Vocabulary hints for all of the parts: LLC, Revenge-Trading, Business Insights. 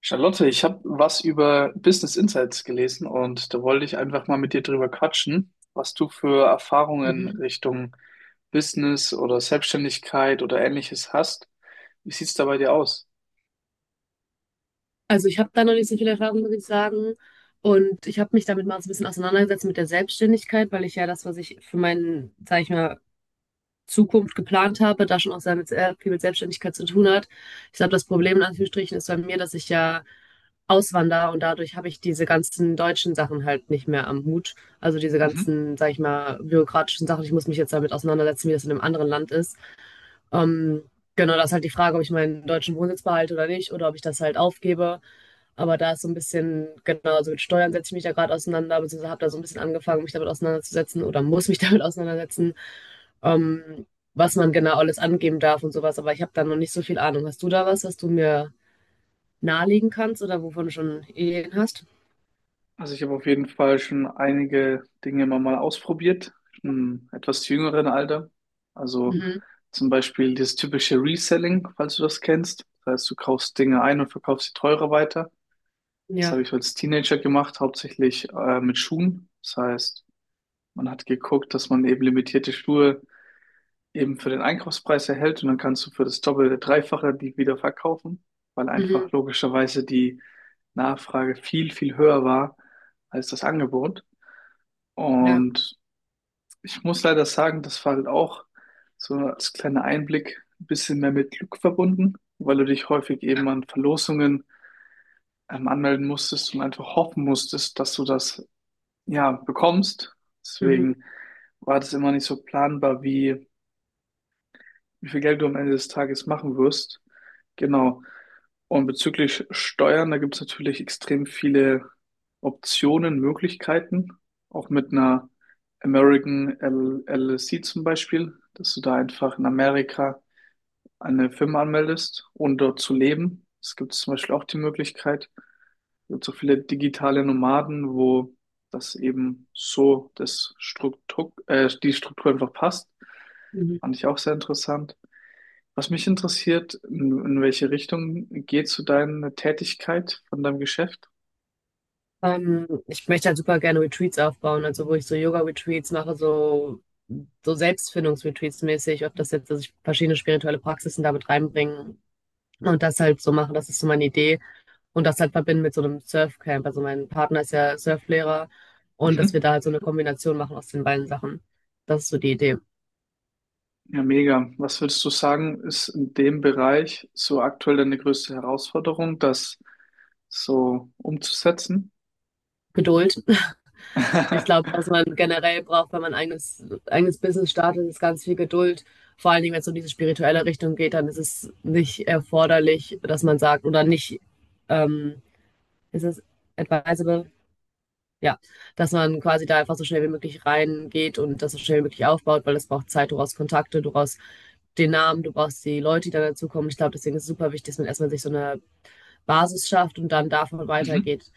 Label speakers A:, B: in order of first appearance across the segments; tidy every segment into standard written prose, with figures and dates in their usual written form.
A: Charlotte, ich habe was über Business Insights gelesen und da wollte ich einfach mal mit dir drüber quatschen, was du für Erfahrungen
B: Mhm.
A: Richtung Business oder Selbstständigkeit oder ähnliches hast. Wie sieht's da bei dir aus?
B: Also ich habe da noch nicht so viel Erfahrung, muss ich sagen. Und ich habe mich damit mal so ein bisschen auseinandergesetzt mit der Selbstständigkeit, weil ich ja das, was ich für meinen, sage ich mal, Zukunft geplant habe, da schon auch sehr, sehr viel mit Selbstständigkeit zu tun hat. Ich glaube, das Problem in Anführungsstrichen ist bei mir, dass ich ja auswandere und dadurch habe ich diese ganzen deutschen Sachen halt nicht mehr am Hut. Also diese
A: Mhm.
B: ganzen, sage ich mal, bürokratischen Sachen. Ich muss mich jetzt damit auseinandersetzen, wie das in einem anderen Land ist. Ähm, genau, das ist halt die Frage, ob ich meinen deutschen Wohnsitz behalte oder nicht oder ob ich das halt aufgebe. Aber da ist so ein bisschen, genau, also mit Steuern setze ich mich da gerade auseinander, beziehungsweise habe da so ein bisschen angefangen, mich damit auseinanderzusetzen oder muss mich damit auseinandersetzen, ähm, was man genau alles angeben darf und sowas. Aber ich habe da noch nicht so viel Ahnung. Hast du da was, was du mir nahelegen kannst oder wovon du schon Ideen hast?
A: Also ich habe auf jeden Fall schon einige Dinge immer mal ausprobiert, im etwas jüngeren Alter. Also
B: Mhm.
A: zum Beispiel das typische Reselling, falls du das kennst. Das heißt, du kaufst Dinge ein und verkaufst sie teurer weiter. Das habe
B: Ja.
A: ich als Teenager gemacht, hauptsächlich mit Schuhen. Das heißt, man hat geguckt, dass man eben limitierte Schuhe eben für den Einkaufspreis erhält und dann kannst du für das Doppelte, Dreifache die wieder verkaufen, weil einfach
B: Mhm.
A: logischerweise die Nachfrage viel, viel höher war als das Angebot.
B: Ja.
A: Und ich muss leider sagen, das war halt auch so als kleiner Einblick ein bisschen mehr mit Glück verbunden, weil du dich häufig eben an Verlosungen anmelden musstest und einfach hoffen musstest, dass du das ja, bekommst.
B: Mhm.
A: Deswegen war das immer nicht so planbar, wie viel Geld du am Ende des Tages machen wirst. Genau. Und bezüglich Steuern, da gibt es natürlich extrem viele Optionen, Möglichkeiten. Auch mit einer American L LLC zum Beispiel, dass du da einfach in Amerika eine Firma anmeldest, ohne dort zu leben. Es gibt zum Beispiel auch die Möglichkeit gibt so viele digitale Nomaden, wo das eben so die Struktur einfach passt.
B: Mhm.
A: Fand ich auch sehr interessant. Was mich interessiert, in welche Richtung geht so deine Tätigkeit von deinem Geschäft?
B: Ich möchte halt super gerne Retreats aufbauen, also wo ich so Yoga-Retreats mache, so, so Selbstfindungs-Retreats mäßig, ob das jetzt, dass ich verschiedene spirituelle Praxisen damit reinbringe und das halt so mache, das ist so meine Idee und das halt verbinden mit so einem Surfcamp. Also mein Partner ist ja Surflehrer und dass
A: Mhm.
B: wir da halt so eine Kombination machen aus den beiden Sachen. Das ist so die Idee.
A: Ja, mega. Was würdest du sagen, ist in dem Bereich so aktuell deine größte Herausforderung, das so umzusetzen?
B: Geduld. Ich glaube, was man generell braucht, wenn man ein eigenes Business startet, ist ganz viel Geduld. Vor allen Dingen, wenn es um diese spirituelle Richtung geht, dann ist es nicht erforderlich, dass man sagt, oder nicht, ähm, ist es advisable? Ja, dass man quasi da einfach so schnell wie möglich reingeht und das so schnell wie möglich aufbaut, weil es braucht Zeit, du brauchst Kontakte, du brauchst den Namen, du brauchst die Leute, die dann dazukommen. Ich glaube, deswegen ist es super wichtig, dass man erstmal sich so eine Basis schafft und dann davon
A: Mhm.
B: weitergeht.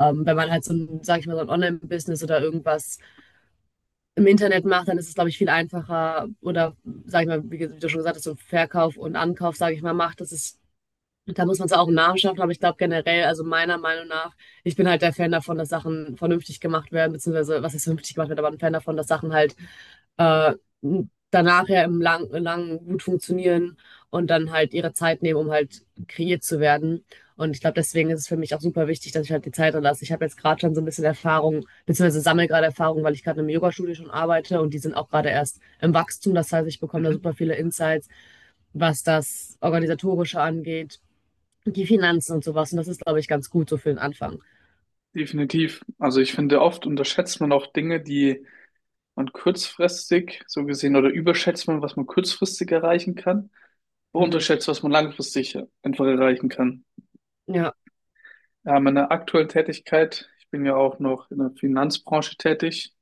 B: Wenn man halt so ein, sag ich mal, so ein Online-Business oder irgendwas im Internet macht, dann ist es, glaube ich, viel einfacher. Oder, sag ich mal, wie, du schon gesagt hast, so Verkauf und Ankauf, sage ich mal, macht. Das ist, da muss man es auch im Namen schaffen. Aber ich glaube generell, also meiner Meinung nach, ich bin halt der Fan davon, dass Sachen vernünftig gemacht werden, beziehungsweise was ist vernünftig gemacht wird, aber ein Fan davon, dass Sachen halt äh, danach ja im langen gut funktionieren und dann halt ihre Zeit nehmen, um halt kreiert zu werden. Und ich glaube, deswegen ist es für mich auch super wichtig, dass ich halt die Zeit dann lasse. Ich habe jetzt gerade schon so ein bisschen Erfahrung, beziehungsweise sammle gerade Erfahrung, weil ich gerade im Yoga-Studio schon arbeite und die sind auch gerade erst im Wachstum. Das heißt, ich bekomme da
A: Mhm.
B: super viele Insights, was das Organisatorische angeht, die Finanzen und sowas. Und das ist, glaube ich, ganz gut so für den Anfang.
A: Definitiv. Also ich finde, oft unterschätzt man auch Dinge, die man kurzfristig so gesehen oder überschätzt man, was man kurzfristig erreichen kann, aber
B: Mhm.
A: unterschätzt, was man langfristig einfach erreichen kann.
B: Ja.
A: Ja, meine aktuelle Tätigkeit, ich bin ja auch noch in der Finanzbranche tätig.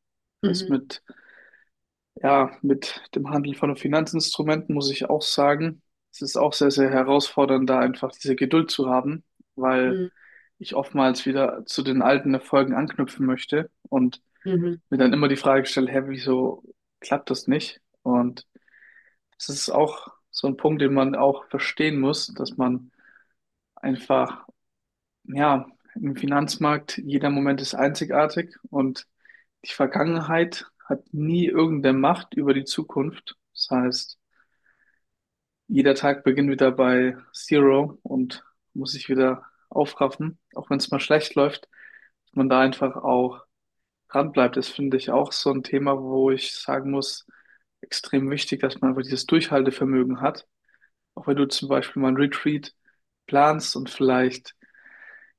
A: Das heißt,
B: Mhm.
A: mit dem Handel von Finanzinstrumenten muss ich auch sagen, es ist auch sehr, sehr herausfordernd, da einfach diese Geduld zu haben, weil
B: Mhm.
A: ich oftmals wieder zu den alten Erfolgen anknüpfen möchte und
B: Mhm.
A: mir dann immer die Frage stelle, hä, wieso klappt das nicht? Und das ist auch so ein Punkt, den man auch verstehen muss, dass man einfach, ja, im Finanzmarkt, jeder Moment ist einzigartig und die Vergangenheit hat nie irgendeine Macht über die Zukunft. Das heißt, jeder Tag beginnt wieder bei Zero und muss sich wieder aufraffen, auch wenn es mal schlecht läuft, dass man da einfach auch dran bleibt. Das finde ich auch so ein Thema, wo ich sagen muss, extrem wichtig, dass man einfach dieses Durchhaltevermögen hat. Auch wenn du zum Beispiel mal ein Retreat planst und vielleicht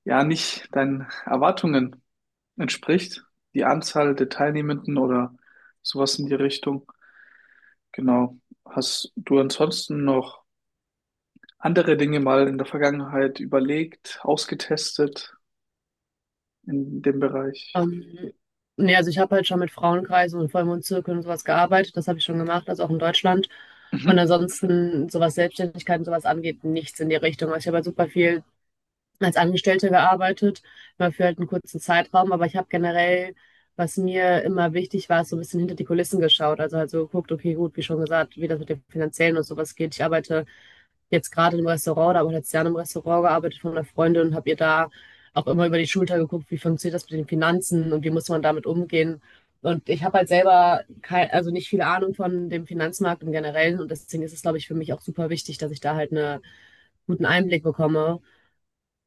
A: ja nicht deinen Erwartungen entspricht, die Anzahl der Teilnehmenden oder sowas in die Richtung. Genau. Hast du ansonsten noch andere Dinge mal in der Vergangenheit überlegt, ausgetestet in dem Bereich?
B: Ähm, Nee, also ich habe halt schon mit Frauenkreisen und Vollmondzirkeln und sowas gearbeitet. Das habe ich schon gemacht, also auch in Deutschland. Und
A: Mhm.
B: ansonsten, so was Selbstständigkeit und sowas angeht, nichts in die Richtung. Also ich habe halt super viel als Angestellte gearbeitet, mal für halt einen kurzen Zeitraum, aber ich habe generell, was mir immer wichtig war, so ein bisschen hinter die Kulissen geschaut. Also halt so geguckt, okay, gut, wie schon gesagt, wie das mit dem Finanziellen und sowas geht. Ich arbeite jetzt gerade im Restaurant, da habe ich letztes Jahr im Restaurant gearbeitet von einer Freundin und habe ihr da auch immer über die Schulter geguckt, wie funktioniert das mit den Finanzen und wie muss man damit umgehen. Und ich habe halt selber kein, also nicht viel Ahnung von dem Finanzmarkt im Generellen und deswegen ist es, glaube ich, für mich auch super wichtig, dass ich da halt eine guten Einblick bekomme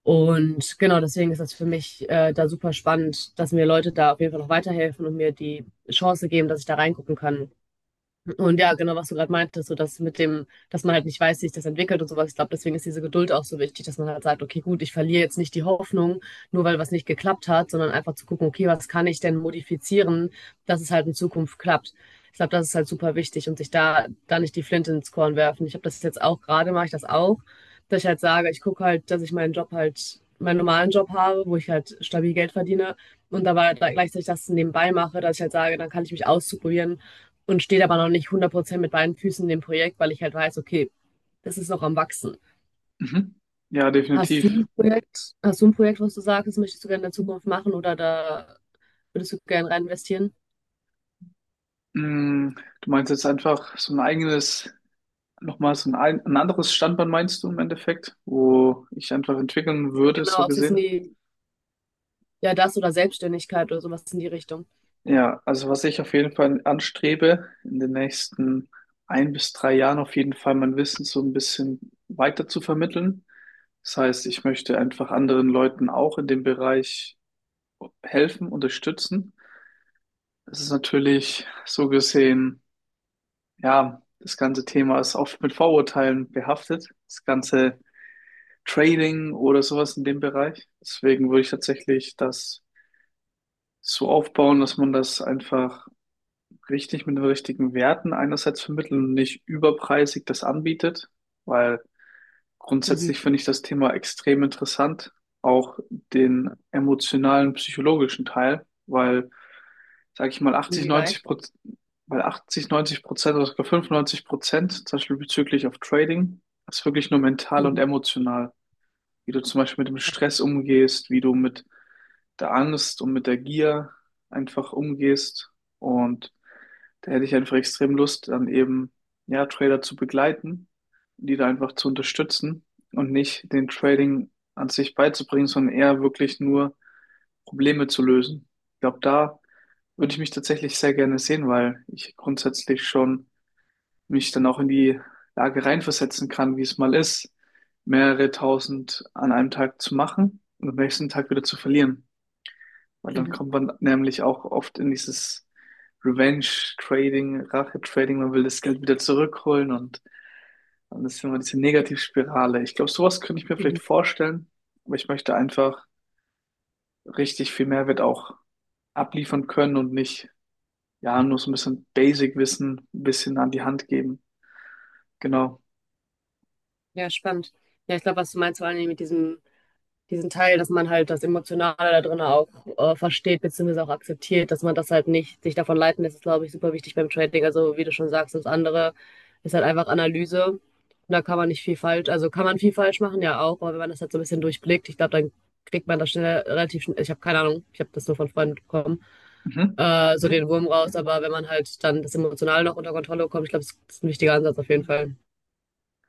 B: und genau, deswegen ist das für mich da super spannend, dass mir Leute da auf jeden Fall noch weiterhelfen und mir die Chance geben, dass ich da reingucken kann. Und ja, genau, was du gerade meintest, so dass mit dem, dass man halt nicht weiß, wie sich das entwickelt und sowas. Ich glaube, deswegen ist diese Geduld auch so wichtig, dass man halt sagt, okay, gut, ich verliere jetzt nicht die Hoffnung, nur weil was nicht geklappt hat, sondern einfach zu gucken, okay, was kann ich denn modifizieren, dass es halt in Zukunft klappt. Ich glaube, das ist halt super wichtig und sich da nicht die Flinte ins Korn werfen. Ich habe das jetzt auch gerade, mache ich das auch, dass ich halt sage, ich gucke halt, dass ich meinen Job halt, meinen normalen Job habe, wo ich halt stabil Geld verdiene und dabei gleichzeitig das nebenbei mache, dass ich halt sage, dann kann ich mich ausprobieren und steht aber noch nicht 100% mit beiden Füßen in dem Projekt, weil ich halt weiß, okay, das ist noch am Wachsen.
A: Mhm. Ja, definitiv.
B: Hast du ein Projekt, was du sagst, das möchtest du gerne in der Zukunft machen oder da würdest du gerne rein investieren?
A: Mm, du meinst jetzt einfach so ein eigenes, nochmal so ein anderes Standbein meinst du im Endeffekt, wo ich einfach entwickeln würde,
B: Genau,
A: so
B: ob es jetzt in
A: gesehen?
B: die, ja, das oder Selbstständigkeit oder sowas in die Richtung.
A: Ja, also was ich auf jeden Fall anstrebe, in den nächsten 1 bis 3 Jahren auf jeden Fall mein Wissen so ein bisschen weiter zu vermitteln. Das heißt, ich möchte einfach anderen Leuten auch in dem Bereich helfen, unterstützen. Das ist natürlich so gesehen, ja, das ganze Thema ist oft mit Vorurteilen behaftet. Das ganze Trading oder sowas in dem Bereich. Deswegen würde ich tatsächlich das so aufbauen, dass man das einfach richtig mit den richtigen Werten einerseits vermitteln und nicht überpreisig das anbietet, weil
B: Mhm.
A: grundsätzlich finde ich das Thema extrem interessant, auch den emotionalen, psychologischen Teil, weil, sage ich mal,
B: Inwieweit?
A: 80-90% oder sogar 95%, zum Beispiel bezüglich auf Trading, ist wirklich nur mental und
B: Mhm.
A: emotional, wie du zum Beispiel mit dem Stress umgehst, wie du mit der Angst und mit der Gier einfach umgehst und da hätte ich einfach extrem Lust, dann eben, ja, Trader zu begleiten, die da einfach zu unterstützen und nicht den Trading an sich beizubringen, sondern eher wirklich nur Probleme zu lösen. Ich glaube, da würde ich mich tatsächlich sehr gerne sehen, weil ich grundsätzlich schon mich dann auch in die Lage reinversetzen kann, wie es mal ist, mehrere tausend an einem Tag zu machen und am nächsten Tag wieder zu verlieren. Weil dann
B: Mhm.
A: kommt man nämlich auch oft in dieses Revenge-Trading, Rache-Trading, man will das Geld wieder zurückholen und dann ist immer diese Negativspirale. Ich glaube, sowas könnte ich mir vielleicht
B: Mhm.
A: vorstellen, aber ich möchte einfach richtig viel Mehrwert auch abliefern können und nicht, ja, nur so ein bisschen Basic-Wissen ein bisschen an die Hand geben. Genau.
B: Ja, spannend. Ja, ich glaube, was du meinst, vor allem mit diesem diesen Teil, dass man halt das Emotionale da drin auch versteht, beziehungsweise auch akzeptiert, dass man das halt nicht sich davon leiten lässt, ist, glaube ich, super wichtig beim Trading. Also, wie du schon sagst, das andere ist halt einfach Analyse. Und da kann man nicht viel falsch, also kann man viel falsch machen, ja auch, aber wenn man das halt so ein bisschen durchblickt, ich glaube, dann kriegt man das schnell relativ schnell, ich habe keine Ahnung, ich habe das nur von Freunden bekommen,
A: Mhm.
B: so den Wurm raus, aber wenn man halt dann das Emotionale noch unter Kontrolle bekommt, ich glaube, das ist ein wichtiger Ansatz auf jeden Fall.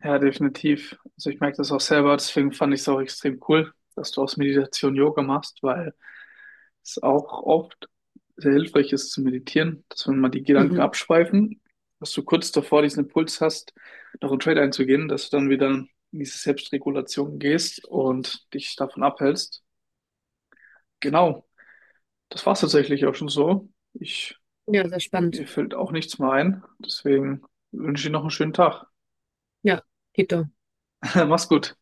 A: Ja, definitiv. Also ich merke das auch selber, deswegen fand ich es auch extrem cool, dass du aus Meditation Yoga machst, weil ist auch oft sehr hilfreich ist zu meditieren, dass wenn mal die Gedanken
B: Mhm.
A: abschweifen, dass du kurz davor diesen Impuls hast, noch einen Trade einzugehen, dass du dann wieder in diese Selbstregulation gehst und dich davon abhältst. Genau, das war es tatsächlich auch schon so. Ich,
B: Ja, sehr spannend.
A: mir fällt auch nichts mehr ein. Deswegen wünsche ich dir noch einen schönen Tag.
B: Ja, Tito.
A: Mach's gut.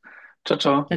A: Ciao, ciao.